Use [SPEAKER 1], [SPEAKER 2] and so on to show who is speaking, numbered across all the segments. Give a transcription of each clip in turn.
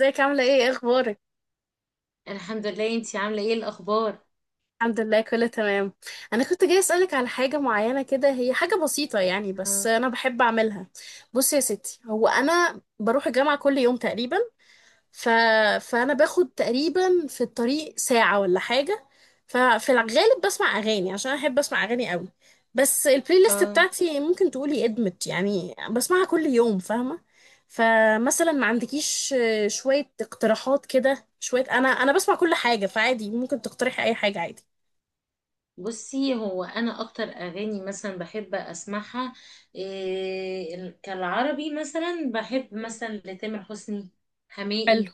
[SPEAKER 1] ازيك؟ عاملة ايه؟ ايه اخبارك؟
[SPEAKER 2] الحمد لله، انتي عاملة ايه الأخبار؟
[SPEAKER 1] الحمد لله كله تمام. انا كنت جاي اسألك على حاجة معينة كده، هي حاجة بسيطة يعني بس
[SPEAKER 2] اه.
[SPEAKER 1] انا بحب اعملها. بصي يا ستي، هو انا بروح الجامعة كل يوم تقريبا. ف... فانا باخد تقريبا في الطريق ساعة ولا حاجة. ففي الغالب بسمع اغاني عشان احب اسمع اغاني قوي. بس البلاي ليست
[SPEAKER 2] آه.
[SPEAKER 1] بتاعتي ممكن تقولي ادمت يعني بسمعها كل يوم، فاهمة؟ فمثلا ما عندكيش شوية اقتراحات كده؟ شوية انا بسمع كل حاجة فعادي ممكن تقترحي اي حاجة عادي.
[SPEAKER 2] بصي، هو أنا أكتر أغاني مثلا بحب أسمعها، إيه كالعربي، مثلا بحب مثلا لتامر حسني، حماقي.
[SPEAKER 1] حلو.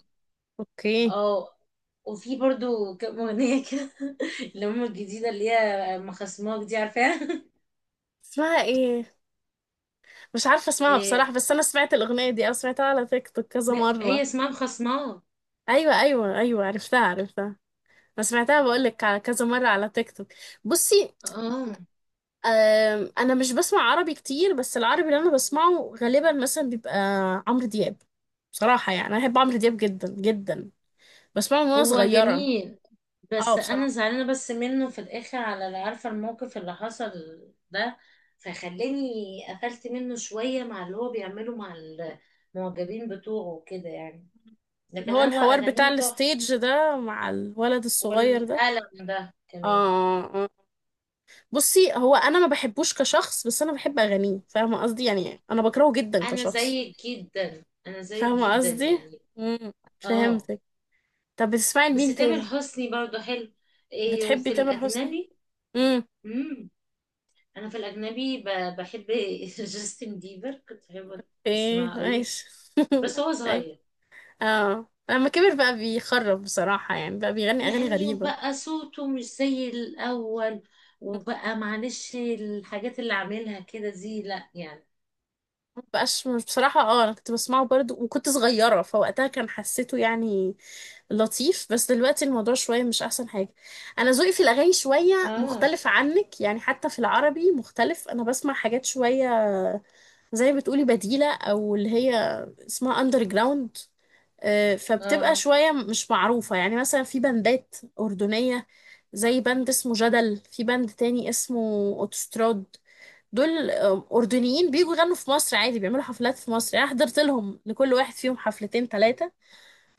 [SPEAKER 1] اوكي.
[SPEAKER 2] اه. وفي برضو كام أغنية كده. اللي هم الجديدة اللي هي مخصماك دي، عارفاها؟
[SPEAKER 1] اسمها ايه؟ مش عارفة اسمها
[SPEAKER 2] إيه،
[SPEAKER 1] بصراحة، بس انا سمعت الاغنية دي، انا سمعتها على تيك توك كذا
[SPEAKER 2] هي
[SPEAKER 1] مرة.
[SPEAKER 2] اسمها مخصماك.
[SPEAKER 1] ايوه ايوه ايوه، عرفتها عرفتها. انا سمعتها، بقولك، على كذا مرة على تيك توك. بصي،
[SPEAKER 2] اه،
[SPEAKER 1] انا مش بسمع عربي كتير، بس العربي اللي انا بسمعه غالبا مثلا بيبقى عمرو دياب. بصراحة يعني انا بحب عمرو دياب جدا جدا. بسمعه من وانا
[SPEAKER 2] هو
[SPEAKER 1] صغيرة.
[SPEAKER 2] جميل،
[SPEAKER 1] اه
[SPEAKER 2] بس انا
[SPEAKER 1] بصراحة.
[SPEAKER 2] زعلانه بس منه في الاخر على اللي عارفه الموقف اللي حصل ده، فخلاني قفلت منه شويه مع اللي هو بيعمله مع المعجبين بتوعه وكده يعني.
[SPEAKER 1] اللي
[SPEAKER 2] لكن
[SPEAKER 1] هو
[SPEAKER 2] هو
[SPEAKER 1] الحوار بتاع
[SPEAKER 2] اغانيه تحفه،
[SPEAKER 1] الستيج ده مع الولد الصغير ده.
[SPEAKER 2] والقلم ده كمان.
[SPEAKER 1] اه آه. بصي هو انا ما بحبوش كشخص، بس انا بحب اغانيه، فاهمة قصدي؟ يعني انا بكرهه جدا
[SPEAKER 2] انا
[SPEAKER 1] كشخص.
[SPEAKER 2] زيك جدا، انا زيك
[SPEAKER 1] فاهمة
[SPEAKER 2] جدا
[SPEAKER 1] قصدي.
[SPEAKER 2] يعني.
[SPEAKER 1] امم
[SPEAKER 2] اه.
[SPEAKER 1] فهمتك. طب بتسمعي
[SPEAKER 2] بس
[SPEAKER 1] لمين
[SPEAKER 2] تامر
[SPEAKER 1] تاني؟
[SPEAKER 2] حسني برضه حلو. إيه،
[SPEAKER 1] بتحبي
[SPEAKER 2] وفي
[SPEAKER 1] تامر حسني؟
[SPEAKER 2] الاجنبي،
[SPEAKER 1] امم
[SPEAKER 2] امم انا في الاجنبي بحب. جاستن بيبر، كنت بحب
[SPEAKER 1] ايه
[SPEAKER 2] اسمعه قوي،
[SPEAKER 1] عايش
[SPEAKER 2] بس هو
[SPEAKER 1] اي.
[SPEAKER 2] صغير
[SPEAKER 1] اه لما كبر بقى بيخرب بصراحة، يعني بقى بيغني أغاني
[SPEAKER 2] يعني،
[SPEAKER 1] غريبة.
[SPEAKER 2] وبقى صوته مش زي الأول، وبقى معلش الحاجات اللي عاملها كده دي لا يعني.
[SPEAKER 1] مبقاش، مش بصراحة، اه أنا كنت بسمعه برضو وكنت صغيرة، فوقتها كان حسيته يعني لطيف، بس دلوقتي الموضوع شوية مش أحسن حاجة. أنا ذوقي في الأغاني شوية
[SPEAKER 2] اه،
[SPEAKER 1] مختلف عنك يعني، حتى في العربي مختلف، أنا بسمع حاجات شوية زي ما بتقولي بديلة، أو اللي هي اسمها أندر جراوند. فبتبقى
[SPEAKER 2] اه.
[SPEAKER 1] شوية مش معروفة يعني، مثلا في بندات أردنية زي بند اسمه جدل، في بند تاني اسمه أوتوستراد. دول أردنيين بيجوا يغنوا في مصر عادي، بيعملوا حفلات في مصر يعني، أنا حضرت لهم لكل واحد فيهم حفلتين ثلاثة.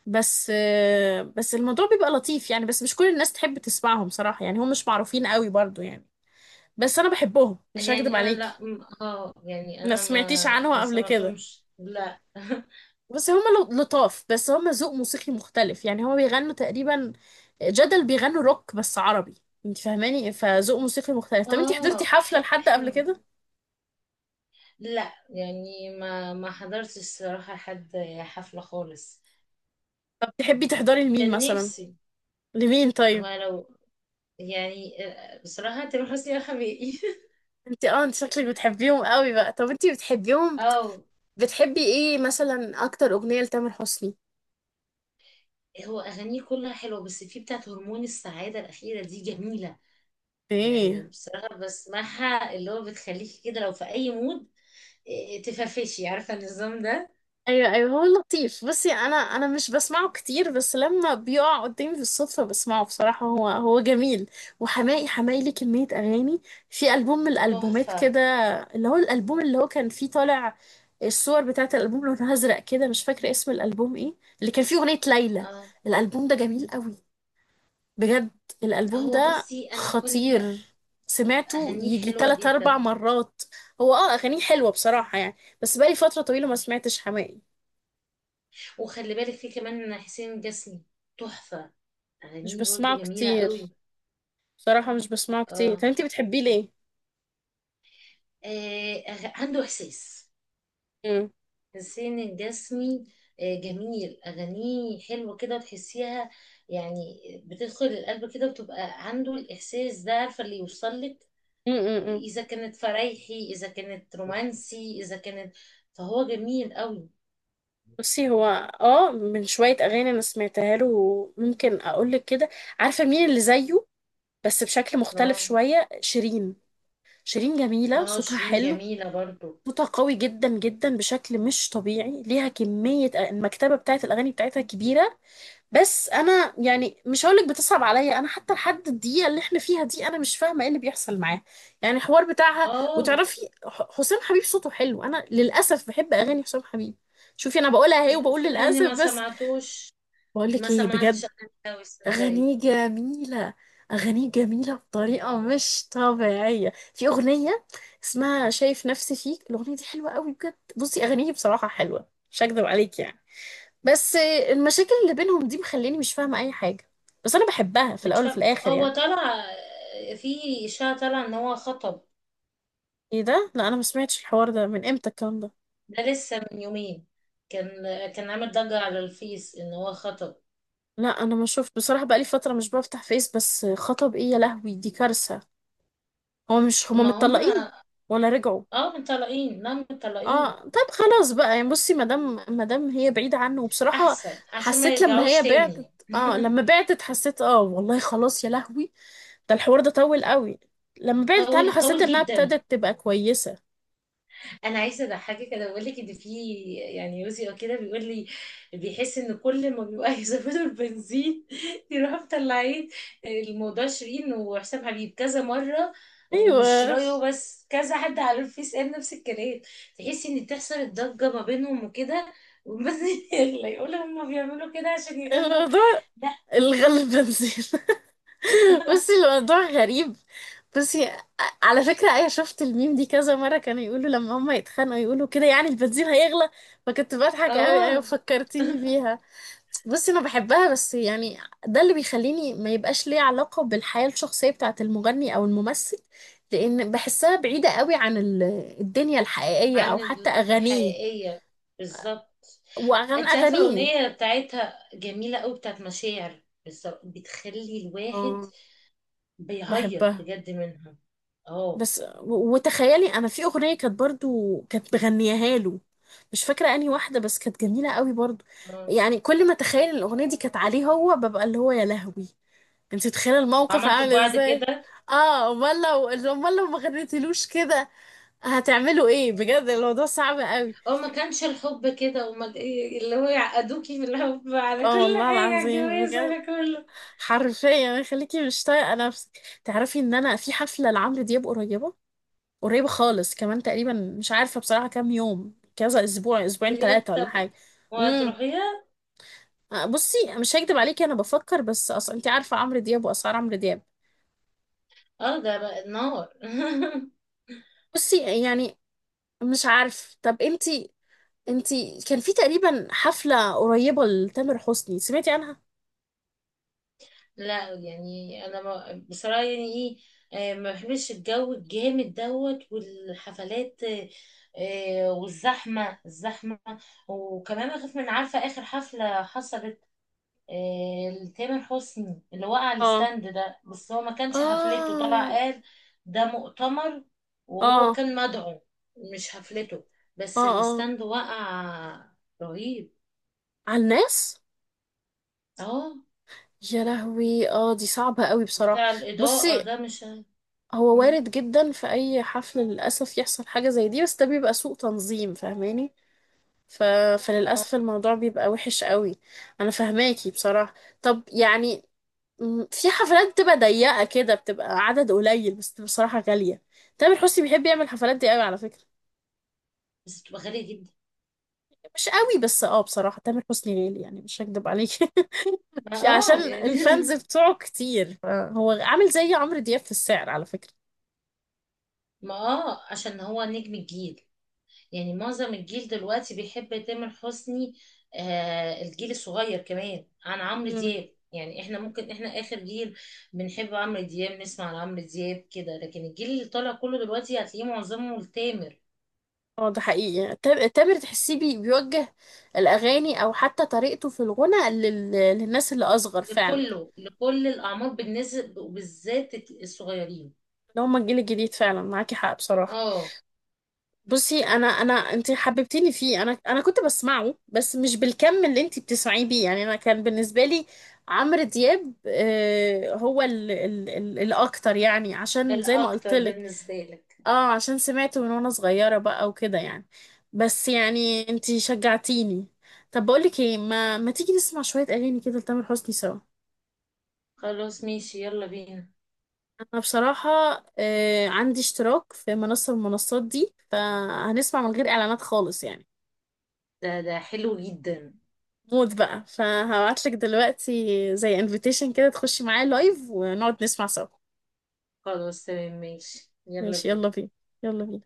[SPEAKER 1] بس بس الموضوع بيبقى لطيف يعني، بس مش كل الناس تحب تسمعهم صراحة يعني، هم مش معروفين قوي برضو يعني. بس أنا بحبهم مش هكدب
[SPEAKER 2] يعني أنا
[SPEAKER 1] عليك.
[SPEAKER 2] لا يعني
[SPEAKER 1] ما
[SPEAKER 2] أنا
[SPEAKER 1] سمعتيش
[SPEAKER 2] ما
[SPEAKER 1] عنهم
[SPEAKER 2] ما
[SPEAKER 1] قبل كده؟
[SPEAKER 2] سمعتهمش، لا.
[SPEAKER 1] بس هما لطاف، بس هما ذوق موسيقي مختلف يعني، هما بيغنوا تقريبا جدل بيغنوا روك بس عربي. انت فاهماني؟ فذوق موسيقي مختلف. طب انت حضرتي
[SPEAKER 2] اه،
[SPEAKER 1] حفلة لحد قبل
[SPEAKER 2] حلو.
[SPEAKER 1] كده؟
[SPEAKER 2] لا يعني ما حضرتش الصراحة حد حفلة خالص.
[SPEAKER 1] طب تحبي تحضري لمين
[SPEAKER 2] كان
[SPEAKER 1] مثلا؟
[SPEAKER 2] نفسي،
[SPEAKER 1] لمين
[SPEAKER 2] هو
[SPEAKER 1] طيب؟
[SPEAKER 2] لو، يعني آه، بصراحة تامر حسني يا حبيبي.
[SPEAKER 1] انت اه انت شكلك بتحبيهم قوي بقى. طب انت بتحبيهم،
[SPEAKER 2] اه،
[SPEAKER 1] بتحبي ايه مثلا اكتر اغنية لتامر حسني؟
[SPEAKER 2] هو أغانيه كلها حلوة، بس في بتاعة هرمون السعادة الأخيرة دي جميلة. يعني
[SPEAKER 1] ايه؟
[SPEAKER 2] بصراحة بسمعها، اللي هو بتخليكي كده لو في أي مود، إيه، تفرفشي، عارفة النظام ده؟
[SPEAKER 1] ايوه ايوه هو لطيف. بصي انا مش بسمعه كتير، بس لما بيقع قدامي بالصدفه بسمعه بصراحه، هو جميل. وحماقي، حماقي ليه كميه اغاني، في البوم من الالبومات
[SPEAKER 2] تحفة.
[SPEAKER 1] كده، اللي هو الالبوم اللي هو كان فيه طالع الصور بتاعه الالبوم لونها ازرق كده، مش فاكره اسم الالبوم ايه، اللي كان فيه اغنيه ليلى.
[SPEAKER 2] اه،
[SPEAKER 1] الالبوم ده جميل قوي بجد،
[SPEAKER 2] لا
[SPEAKER 1] الالبوم
[SPEAKER 2] هو
[SPEAKER 1] ده
[SPEAKER 2] بصي، أنا كل
[SPEAKER 1] خطير، سمعته
[SPEAKER 2] أغانيه
[SPEAKER 1] يجي
[SPEAKER 2] حلوة
[SPEAKER 1] تلات أربع
[SPEAKER 2] جدا.
[SPEAKER 1] مرات. هو اه أغانيه حلوة بصراحة يعني، بس بقالي فترة طويلة ما سمعتش حماقي.
[SPEAKER 2] وخلي بالك في كمان حسين الجسمي، تحفة،
[SPEAKER 1] مش
[SPEAKER 2] أغانيه
[SPEAKER 1] بسمعه
[SPEAKER 2] برضو جميلة
[SPEAKER 1] كتير
[SPEAKER 2] قوي.
[SPEAKER 1] بصراحة، مش بسمعه كتير.
[SPEAKER 2] اه،
[SPEAKER 1] طب انتي بتحبيه ليه؟
[SPEAKER 2] آه، عنده إحساس.
[SPEAKER 1] مم.
[SPEAKER 2] حسين الجسمي، آه، جميل، أغانيه حلوة كده وتحسيها يعني، بتدخل القلب كده وتبقى عنده الإحساس ده، عارفة اللي يوصل لك؟
[SPEAKER 1] مم مم مم.
[SPEAKER 2] إذا كانت فرايحي، إذا كانت رومانسي، إذا كانت، فهو جميل قوي.
[SPEAKER 1] بصي هو اه من شوية أغاني أنا سمعتها له، ممكن أقولك كده، عارفة مين اللي زيه بس بشكل مختلف
[SPEAKER 2] اه،
[SPEAKER 1] شوية؟ شيرين. شيرين جميلة
[SPEAKER 2] آه،
[SPEAKER 1] صوتها
[SPEAKER 2] شيرين
[SPEAKER 1] حلو،
[SPEAKER 2] جميلة برضو.
[SPEAKER 1] صوتها قوي جدا جدا بشكل مش طبيعي، ليها كمية، المكتبة بتاعت الأغاني بتاعتها كبيرة. بس انا يعني مش هقولك بتصعب عليا، انا حتى لحد الدقيقه اللي احنا فيها دي انا مش فاهمه ايه اللي بيحصل معاه يعني، الحوار بتاعها.
[SPEAKER 2] اه،
[SPEAKER 1] وتعرفي حسام حبيب صوته حلو، انا للاسف بحب اغاني حسام حبيب. شوفي انا بقولها اهي وبقول
[SPEAKER 2] صدقني
[SPEAKER 1] للاسف
[SPEAKER 2] ما
[SPEAKER 1] بس،
[SPEAKER 2] سمعتوش،
[SPEAKER 1] بقولك
[SPEAKER 2] ما
[SPEAKER 1] ايه
[SPEAKER 2] سمعتش
[SPEAKER 1] بجد؟
[SPEAKER 2] أغاني قوي صدقني.
[SPEAKER 1] اغانيه جميله، اغانيه جميله بطريقه مش طبيعيه. في اغنيه اسمها شايف نفسي فيك، الاغنيه دي حلوه قوي بجد. بصي اغانيه بصراحه حلوه مش هكدب عليكي يعني، بس المشاكل اللي بينهم دي مخليني مش فاهمة أي حاجة. بس أنا بحبها في
[SPEAKER 2] مش
[SPEAKER 1] الأول وفي
[SPEAKER 2] فاهم،
[SPEAKER 1] الآخر
[SPEAKER 2] هو
[SPEAKER 1] يعني.
[SPEAKER 2] طلع آه، في إشاعة طلع إن هو خطب.
[SPEAKER 1] إيه ده؟ لا أنا ما سمعتش الحوار ده، من إمتى الكلام ده؟
[SPEAKER 2] ده لسه من يومين، كان كان عامل ضجة على الفيس ان هو خطب.
[SPEAKER 1] لا أنا ما شفت بصراحة، بقالي فترة مش بفتح فيس. بس خطب إيه؟ يا لهوي دي كارثة. هو مش هما
[SPEAKER 2] ما هم،
[SPEAKER 1] متطلقين ولا رجعوا؟
[SPEAKER 2] اه مطلقين، لا مطلقين.
[SPEAKER 1] اه طب خلاص بقى يعني. بصي، مادام هي بعيدة عنه وبصراحة
[SPEAKER 2] احسن عشان ما
[SPEAKER 1] حسيت لما هي
[SPEAKER 2] يرجعوش تاني.
[SPEAKER 1] بعتت، اه لما بعتت حسيت، اه والله خلاص يا لهوي، ده الحوار ده طول قوي. لما بعدت عنه
[SPEAKER 2] طول،
[SPEAKER 1] حسيت
[SPEAKER 2] طول
[SPEAKER 1] انها
[SPEAKER 2] جدا.
[SPEAKER 1] ابتدت تبقى كويسة.
[SPEAKER 2] انا عايزه اضحكك، انا بقول لك ان في، يعني يوزي او كده بيقول لي بيحس ان كل ما بيبقى يزودوا البنزين يروح مطلعين الموضوع شيرين وحسام حبيب كذا مره. ومش
[SPEAKER 1] ايوه
[SPEAKER 2] رايه بس كذا حد على الفيس قال نفس الكلام، تحسي ان تحصل الضجه ما بينهم وكده، والبنزين يغلى. يقولوا هما بيعملوا كده عشان يغلوا.
[SPEAKER 1] الموضوع
[SPEAKER 2] لا.
[SPEAKER 1] الغل بنزين بصي الموضوع غريب. بصي على فكرة أنا شفت الميم دي كذا مرة، كانوا يقولوا لما هما يتخانقوا يقولوا كده يعني البنزين هيغلى، فكنت بضحك أوي. أيوة
[SPEAKER 2] اه.
[SPEAKER 1] فكرتيني بيها. بصي أنا بحبها بس يعني، ده اللي بيخليني ما يبقاش ليه علاقة بالحياة الشخصية بتاعة المغني أو الممثل، لأن بحسها بعيدة أوي عن الدنيا الحقيقية أو
[SPEAKER 2] عن
[SPEAKER 1] حتى أغانيه.
[SPEAKER 2] الحقيقية، بالظبط. انت عارفة
[SPEAKER 1] أغانيه.
[SPEAKER 2] الأغنية بتاعتها جميلة أوي، بتاعت مشاعر، بالظبط بتخلي الواحد
[SPEAKER 1] اه
[SPEAKER 2] بيعيط
[SPEAKER 1] بحبها.
[SPEAKER 2] بجد منها. اه،
[SPEAKER 1] بس وتخيلي انا في اغنيه كانت برضو كانت بغنيها له، مش فاكره انهي واحده بس كانت جميله قوي برضو
[SPEAKER 2] اه،
[SPEAKER 1] يعني. كل ما اتخيل إن الاغنيه دي كانت عليه هو ببقى اللي هو يا لهوي، انت متخيله الموقف
[SPEAKER 2] وعملتوا في
[SPEAKER 1] عامل
[SPEAKER 2] بعض
[SPEAKER 1] ازاي؟
[SPEAKER 2] كده.
[SPEAKER 1] اه، امال، لو امال لو ما غنيتلوش كده، هتعملوا ايه؟ بجد الموضوع صعب قوي.
[SPEAKER 2] اه، ما كانش الحب كده، وما إيه اللي هو يعقدوكي في الحب على
[SPEAKER 1] اه
[SPEAKER 2] كل
[SPEAKER 1] والله
[SPEAKER 2] حاجة،
[SPEAKER 1] العظيم
[SPEAKER 2] جواز
[SPEAKER 1] بجد،
[SPEAKER 2] على كله.
[SPEAKER 1] حرفيا خليكي مش طايقه نفسك. تعرفي ان انا في حفله لعمرو دياب قريبه، قريب خالص كمان تقريبا. مش عارفة بصراحة كام يوم، كذا أسبوع، أسبوعين
[SPEAKER 2] بجد؟
[SPEAKER 1] ثلاثة ولا
[SPEAKER 2] طب
[SPEAKER 1] حاجة. امم
[SPEAKER 2] وهتروحيها؟
[SPEAKER 1] بصي مش هكدب عليكي أنا بفكر، بس أصلا أنت عارفة عمرو دياب وأسعار عمرو دياب.
[SPEAKER 2] اه، ده بقى النار.
[SPEAKER 1] بصي يعني مش عارف. طب أنت كان في تقريبا حفلة قريبة لتامر حسني سمعتي عنها؟
[SPEAKER 2] لا يعني انا ما بصراحه يعني ايه، آه، ما بحبش الجو الجامد دوت والحفلات، آه، آه، والزحمه الزحمه، وكمان اخاف من، عارفه اخر حفله حصلت آه لتامر حسني، اللي وقع على
[SPEAKER 1] اه.
[SPEAKER 2] الستاند ده، بس هو ما كانش حفلته، طلع
[SPEAKER 1] اه.
[SPEAKER 2] قال ده مؤتمر، وهو
[SPEAKER 1] اه.
[SPEAKER 2] كان مدعو. مش حفلته،
[SPEAKER 1] اه.
[SPEAKER 2] بس
[SPEAKER 1] اه
[SPEAKER 2] الستاند وقع. رهيب.
[SPEAKER 1] على الناس.
[SPEAKER 2] اه،
[SPEAKER 1] يا لهوي اه دي صعبة قوي بصراحة.
[SPEAKER 2] بتاع الاضاءه
[SPEAKER 1] بصي
[SPEAKER 2] ده، مش.
[SPEAKER 1] هو
[SPEAKER 2] مم.
[SPEAKER 1] وارد جدا في اي حفل للاسف يحصل حاجه زي دي، بس ده بيبقى سوء تنظيم، فاهماني؟ ف... فللاسف
[SPEAKER 2] اه،
[SPEAKER 1] الموضوع بيبقى وحش قوي. انا فاهماكي بصراحه. طب يعني في حفلات بتبقى ضيقه كده، بتبقى عدد قليل بس بتبقى بصراحه غاليه. تامر حسني بيحب يعمل الحفلات دي قوي على فكره.
[SPEAKER 2] بس بتبقى غالية جدا.
[SPEAKER 1] مش قوي، بس اه بصراحه تامر حسني غالي يعني مش هكدب عليكي
[SPEAKER 2] ما
[SPEAKER 1] عشان
[SPEAKER 2] يعني.
[SPEAKER 1] الفانز بتوعه كتير، فهو عامل زي عمرو دياب في السعر على فكره.
[SPEAKER 2] ما عشان هو نجم الجيل، يعني معظم الجيل دلوقتي بيحب تامر حسني. آه الجيل الصغير كمان عن عمرو دياب، يعني احنا ممكن احنا اخر جيل بنحب عمرو دياب، نسمع عمرو دياب كده، لكن الجيل اللي طالع كله دلوقتي هتلاقيه معظمه لتامر،
[SPEAKER 1] اه ده حقيقي. تامر تحسيه بيوجه الأغاني أو حتى طريقته في الغنى للناس اللي أصغر فعلا،
[SPEAKER 2] لكله، لكل الاعمار بالنسبة، وبالذات الصغيرين.
[SPEAKER 1] اللي هم الجيل الجديد فعلا. معاكي حق بصراحة.
[SPEAKER 2] اه.
[SPEAKER 1] بصي أنا أنت حببتيني فيه. أنا كنت بسمعه بس مش بالكم اللي أنت بتسمعيه بيه يعني. أنا كان بالنسبة لي عمرو دياب هو الأكتر يعني، عشان زي ما قلت
[SPEAKER 2] الاكتر
[SPEAKER 1] لك
[SPEAKER 2] بالنسبة لك.
[SPEAKER 1] اه، عشان سمعته من وانا صغيرة بقى وكده يعني. بس يعني انتي شجعتيني. طب بقولك ايه، ما تيجي نسمع شوية اغاني كده لتامر حسني سوا؟
[SPEAKER 2] خلاص ماشي، يلا بينا.
[SPEAKER 1] انا بصراحة آه عندي اشتراك في منصة من المنصات دي، فهنسمع من غير اعلانات خالص يعني،
[SPEAKER 2] ده حلو جدا.
[SPEAKER 1] موت بقى. فهبعتلك دلوقتي زي انفيتيشن كده، تخشي معايا لايف ونقعد نسمع سوا.
[SPEAKER 2] خلاص تمام ماشي، يلا
[SPEAKER 1] ماشي يلا
[SPEAKER 2] بينا.
[SPEAKER 1] بينا. يلا بينا.